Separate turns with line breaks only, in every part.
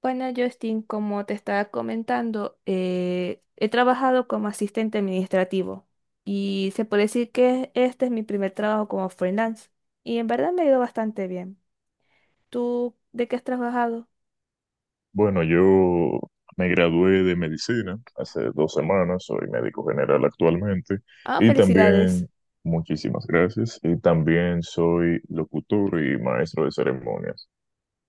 Bueno, Justin, como te estaba comentando, he trabajado como asistente administrativo y se puede decir que este es mi primer trabajo como freelance y en verdad me ha ido bastante bien. ¿Tú de qué has trabajado?
Bueno, yo me gradué de medicina hace 2 semanas, soy médico general actualmente
Ah,
y
felicidades.
también, muchísimas gracias, y también soy locutor y maestro de ceremonias.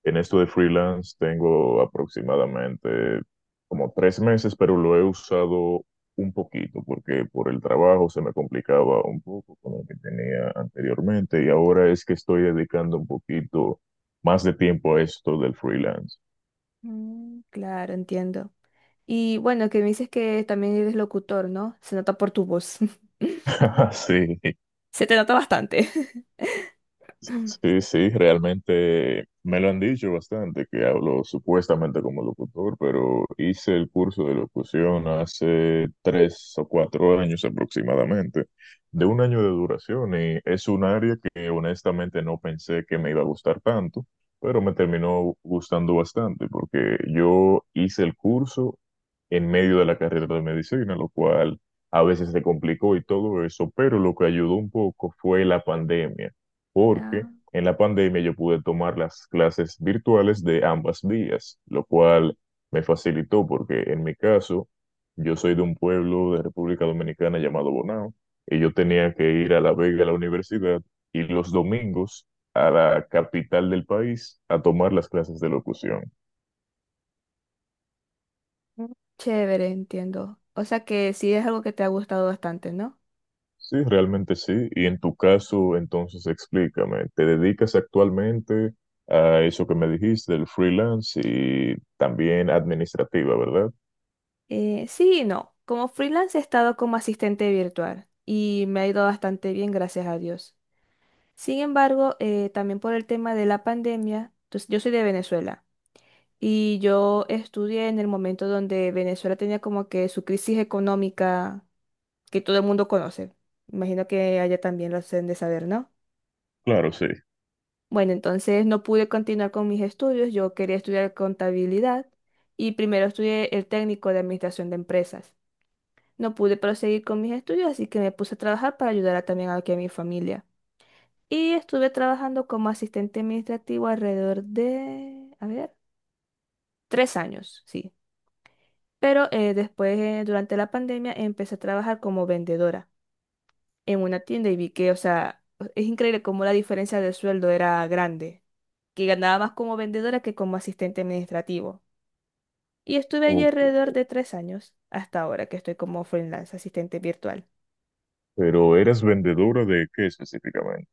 En esto de freelance tengo aproximadamente como 3 meses, pero lo he usado un poquito porque por el trabajo se me complicaba un poco con lo que tenía anteriormente y ahora es que estoy dedicando un poquito más de tiempo a esto del freelance.
Mm, claro, entiendo. Y bueno, que me dices que también eres locutor, ¿no? Se nota por tu voz.
Sí,
Se te nota bastante.
Sí, sí, realmente me lo han dicho bastante, que hablo supuestamente como locutor, pero hice el curso de locución hace 3 o 4 años aproximadamente, de un año de duración, y es un área que honestamente no pensé que me iba a gustar tanto, pero me terminó gustando bastante, porque yo hice el curso en medio de la carrera de medicina, lo cual a veces se complicó y todo eso, pero lo que ayudó un poco fue la pandemia porque
Ah,
en la pandemia yo pude tomar las clases virtuales de ambas vías, lo cual me facilitó porque en mi caso yo soy de un pueblo de República Dominicana llamado Bonao y yo tenía que ir a La Vega a la universidad y los domingos a la capital del país a tomar las clases de locución.
mm, chévere, entiendo. O sea que sí es algo que te ha gustado bastante, ¿no?
Sí, realmente sí. Y en tu caso, entonces explícame, ¿te dedicas actualmente a eso que me dijiste, el freelance y también administrativa, verdad?
Sí y no. Como freelance he estado como asistente virtual y me ha ido bastante bien, gracias a Dios. Sin embargo, también por el tema de la pandemia, entonces, yo soy de Venezuela y yo estudié en el momento donde Venezuela tenía como que su crisis económica que todo el mundo conoce. Imagino que allá también lo hacen de saber, ¿no?
Claro, sí.
Bueno, entonces no pude continuar con mis estudios. Yo quería estudiar contabilidad y primero estudié el técnico de administración de empresas. No pude proseguir con mis estudios, así que me puse a trabajar para ayudar a- también aquí a mi familia. Y estuve trabajando como asistente administrativo alrededor de, a ver, tres años, sí. Pero después, durante la pandemia, empecé a trabajar como vendedora en una tienda y vi que, o sea, es increíble cómo la diferencia de sueldo era grande, que ganaba más como vendedora que como asistente administrativo. Y estuve allí
Ok.
alrededor de tres años, hasta ahora que estoy como freelance, asistente virtual.
¿Pero eras vendedora de qué específicamente?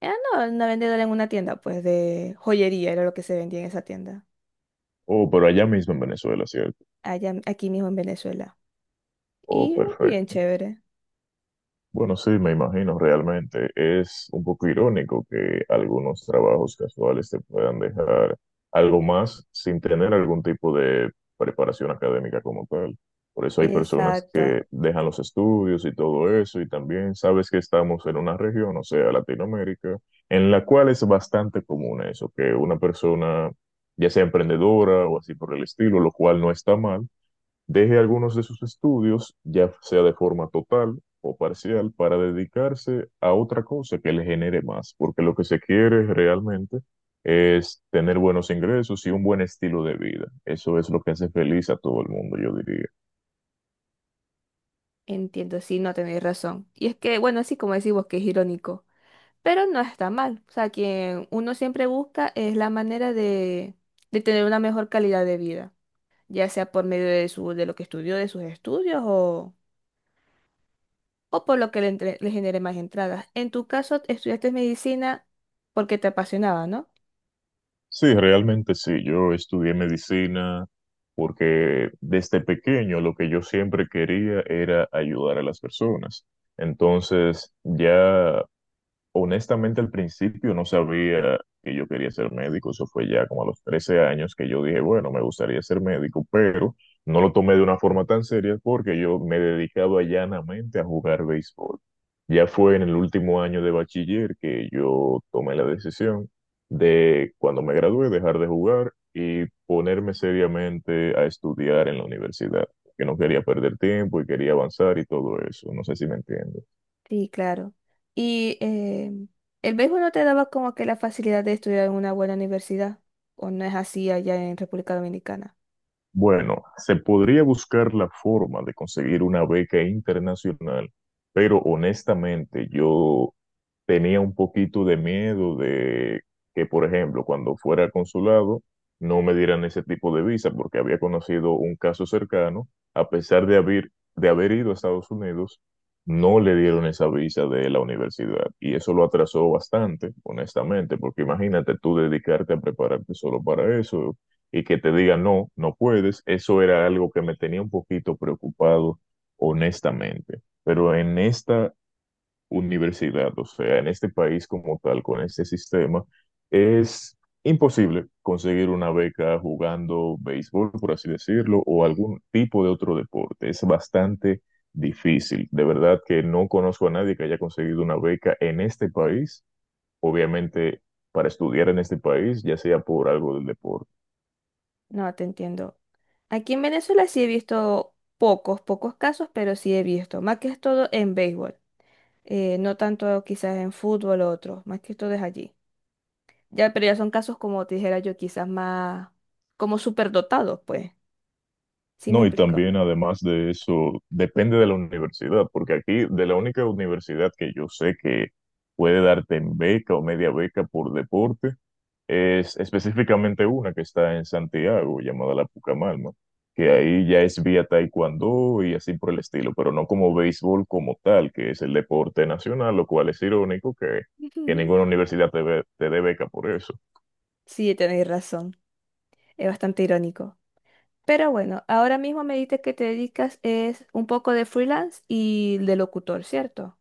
Ah, no, una vendedora en una tienda, pues de joyería era lo que se vendía en esa tienda,
Oh, pero allá mismo en Venezuela, ¿cierto?
allá, aquí mismo en Venezuela.
Oh,
Y muy bien
perfecto.
chévere.
Bueno, sí, me imagino realmente. Es un poco irónico que algunos trabajos casuales te puedan dejar algo más sin tener algún tipo de preparación académica como tal. Por eso hay personas
Exacto,
que dejan los estudios y todo eso, y también sabes que estamos en una región, o sea, Latinoamérica, en la cual es bastante común eso, que una persona, ya sea emprendedora o así por el estilo, lo cual no está mal, deje algunos de sus estudios, ya sea de forma total o parcial, para dedicarse a otra cosa que le genere más, porque lo que se quiere realmente es tener buenos ingresos y un buen estilo de vida. Eso es lo que hace feliz a todo el mundo, yo diría.
entiendo, sí, no tenéis razón. Y es que, bueno, así como decimos que es irónico, pero no está mal. O sea, quien uno siempre busca es la manera de tener una mejor calidad de vida, ya sea por medio de, su, de lo que estudió, de sus estudios o por lo que le, entre- le genere más entradas. En tu caso, estudiaste medicina porque te apasionaba, ¿no?
Sí, realmente sí. Yo estudié medicina porque desde pequeño lo que yo siempre quería era ayudar a las personas. Entonces, ya, honestamente, al principio no sabía que yo quería ser médico, eso fue ya como a los 13 años que yo dije, bueno, me gustaría ser médico, pero no lo tomé de una forma tan seria porque yo me dedicaba llanamente a jugar béisbol. Ya fue en el último año de bachiller que yo tomé la decisión de, cuando me gradué, dejar de jugar y ponerme seriamente a estudiar en la universidad, que no quería perder tiempo y quería avanzar y todo eso, no sé si me entiendes.
Sí, claro. Y el béisbol no te daba como que la facilidad de estudiar en una buena universidad, o no es así allá en República Dominicana.
Bueno, se podría buscar la forma de conseguir una beca internacional, pero honestamente yo tenía un poquito de miedo de que, por ejemplo, cuando fuera al consulado, no me dieran ese tipo de visa, porque había conocido un caso cercano, a pesar de haber ido a Estados Unidos, no le dieron esa visa de la universidad. Y eso lo atrasó bastante, honestamente, porque imagínate tú dedicarte a prepararte solo para eso y que te digan no, no puedes, eso era algo que me tenía un poquito preocupado, honestamente. Pero en esta universidad, o sea, en este país como tal, con este sistema, es imposible conseguir una beca jugando béisbol, por así decirlo, o algún tipo de otro deporte. Es bastante difícil. De verdad que no conozco a nadie que haya conseguido una beca en este país, obviamente para estudiar en este país, ya sea por algo del deporte.
No, te entiendo. Aquí en Venezuela sí he visto pocos, pocos casos, pero sí he visto, más que todo en béisbol, no tanto quizás en fútbol o otros, más que todo es allí. Ya, pero ya son casos como te dijera yo, quizás más como superdotados, pues. ¿Sí me
No, y
explico?
también además de eso, depende de la universidad, porque aquí de la única universidad que yo sé que puede darte en beca o media beca por deporte, es específicamente una que está en Santiago, llamada la Pucamalma, que ahí ya es vía taekwondo y así por el estilo, pero no como béisbol como tal, que es el deporte nacional, lo cual es irónico que
Ujú.
ninguna universidad te, te dé beca por eso.
Sí, tenéis razón. Es bastante irónico. Pero bueno, ahora mismo me dices que te dedicas es un poco de freelance y de locutor, ¿cierto?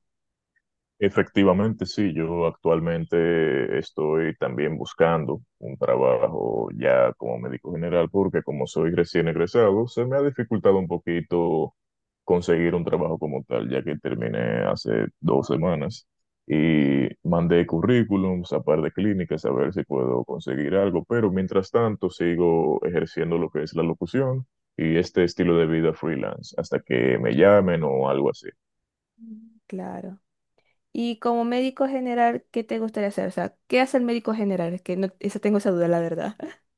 Efectivamente, sí, yo actualmente estoy también buscando un trabajo ya como médico general porque como soy recién egresado, se me ha dificultado un poquito conseguir un trabajo como tal, ya que terminé hace 2 semanas y mandé currículums a par de clínicas a ver si puedo conseguir algo, pero mientras tanto sigo ejerciendo lo que es la locución y este estilo de vida freelance hasta que me llamen o algo así.
Mm. Claro. Y como médico general, ¿qué te gustaría hacer? O sea, ¿qué hace el médico general? Es que no, esa tengo esa duda, la verdad.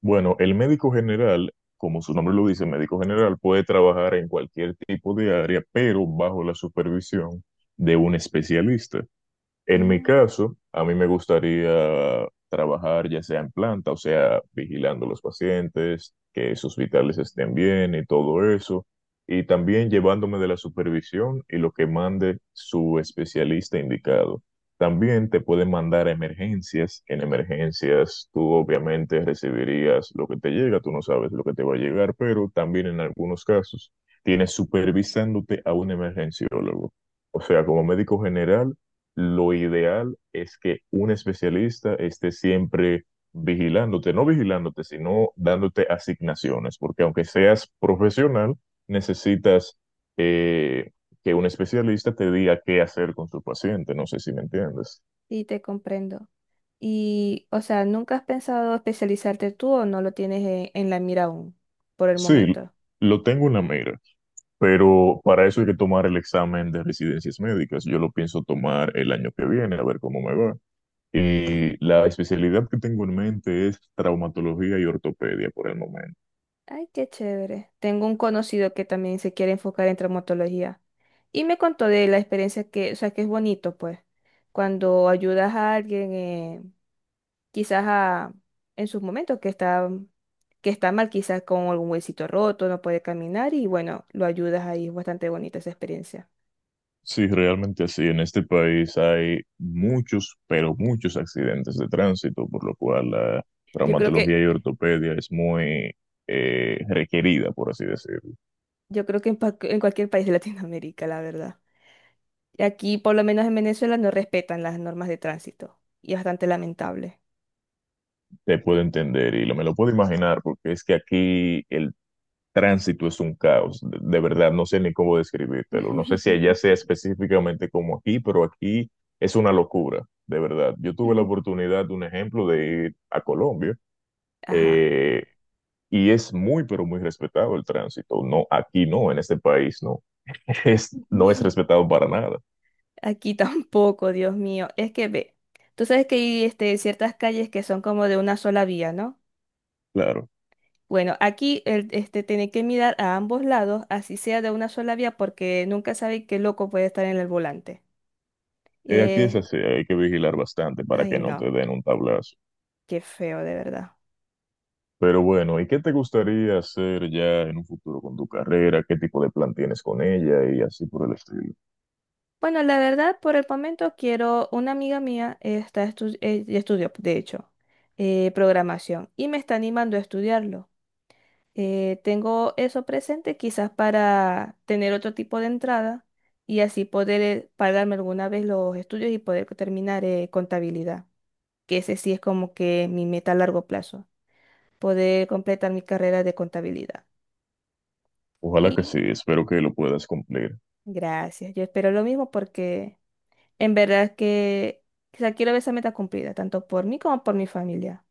Bueno, el médico general, como su nombre lo dice, médico general puede trabajar en cualquier tipo de área, pero bajo la supervisión de un especialista. En mi
Mm,
caso, a mí me gustaría trabajar ya sea en planta, o sea, vigilando a los pacientes, que sus vitales estén bien y todo eso, y también llevándome de la supervisión y lo que mande su especialista indicado. También te pueden mandar a emergencias. En emergencias tú obviamente recibirías lo que te llega, tú no sabes lo que te va a llegar, pero también en algunos casos tienes supervisándote a un emergenciólogo. O sea, como médico general, lo ideal es que un especialista esté siempre vigilándote, no vigilándote, sino dándote asignaciones, porque aunque seas profesional, necesitas eh, que un especialista te diga qué hacer con tu paciente, no sé si me entiendes.
sí, te comprendo. Y, o sea, ¿nunca has pensado especializarte tú o no lo tienes en la mira aún por el
Sí,
momento?
lo tengo en la mira, pero para eso hay que tomar el examen de residencias médicas. Yo lo pienso tomar el año que viene, a ver cómo me va. Y la especialidad que tengo en mente es traumatología y ortopedia por el momento.
Ay, qué chévere. Tengo un conocido que también se quiere enfocar en traumatología y me contó de la experiencia que, o sea, que es bonito, pues, cuando ayudas a alguien, quizás a, en sus momentos que está mal, quizás con algún huesito roto, no puede caminar y bueno, lo ayudas ahí. Es bastante bonita esa experiencia.
Sí, realmente así. En este país hay muchos, pero muchos accidentes de tránsito, por lo cual
Ujú.
la
Yo creo que,
traumatología y ortopedia es muy requerida, por así decirlo.
yo creo que en, pa- en cualquier país de Latinoamérica, la verdad. Y aquí, por lo menos en Venezuela, no respetan las normas de tránsito y es bastante lamentable.
Te puedo entender y lo, me lo puedo imaginar porque es que aquí el tránsito es un caos. De verdad, no sé ni cómo describírtelo. No sé si allá sea específicamente como aquí, pero aquí es una locura, de verdad. Yo tuve la oportunidad, un ejemplo, de ir a Colombia.
Ajá.
Eh, y es muy, pero muy respetado el tránsito. No, aquí no, en este país no. Es, no es respetado para nada,
Aquí tampoco, Dios mío. Es que ve, tú sabes que hay este, ciertas calles que son como de una sola vía, ¿no?
claro.
Bueno, aquí el, este, tiene que mirar a ambos lados, así sea de una sola vía, porque nunca sabe qué loco puede estar en el volante.
Aquí es
Eh,
así, hay que vigilar bastante para
ay,
que no te
no,
den un tablazo.
qué feo, de verdad.
Pero bueno, ¿y qué te gustaría hacer ya en un futuro con tu carrera? ¿Qué tipo de plan tienes con ella? Y así por el estilo.
Bueno, la verdad, por el momento quiero, una amiga mía está estudió, de hecho, programación y me está animando a estudiarlo. Tengo eso presente quizás para tener otro tipo de entrada y así poder pagarme alguna vez los estudios y poder terminar contabilidad, que ese sí es como que mi meta a largo plazo, poder completar mi carrera de contabilidad.
Ojalá que
Y
sí, espero que lo puedas cumplir.
gracias, yo espero lo mismo porque en verdad que quizás quiero ver esa meta cumplida, tanto por mí como por mi familia.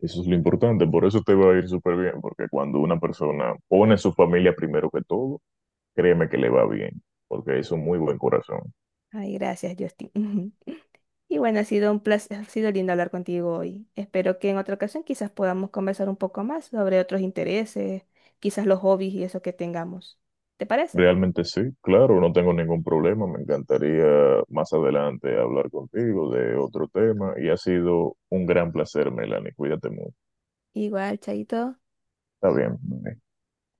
Eso es lo importante, por eso te va a ir súper bien, porque cuando una persona pone a su familia primero que todo, créeme que le va bien, porque es un muy buen corazón.
Ay, gracias, Justin. Y bueno, ha sido un placer, ha sido lindo hablar contigo hoy. Espero que en otra ocasión quizás podamos conversar un poco más sobre otros intereses, quizás los hobbies y eso que tengamos. ¿Te parece?
Realmente sí, claro, no tengo ningún problema. Me encantaría más adelante hablar contigo de otro tema y ha sido un gran placer, Melanie. Cuídate mucho.
Igual, Chaito.
Está bien.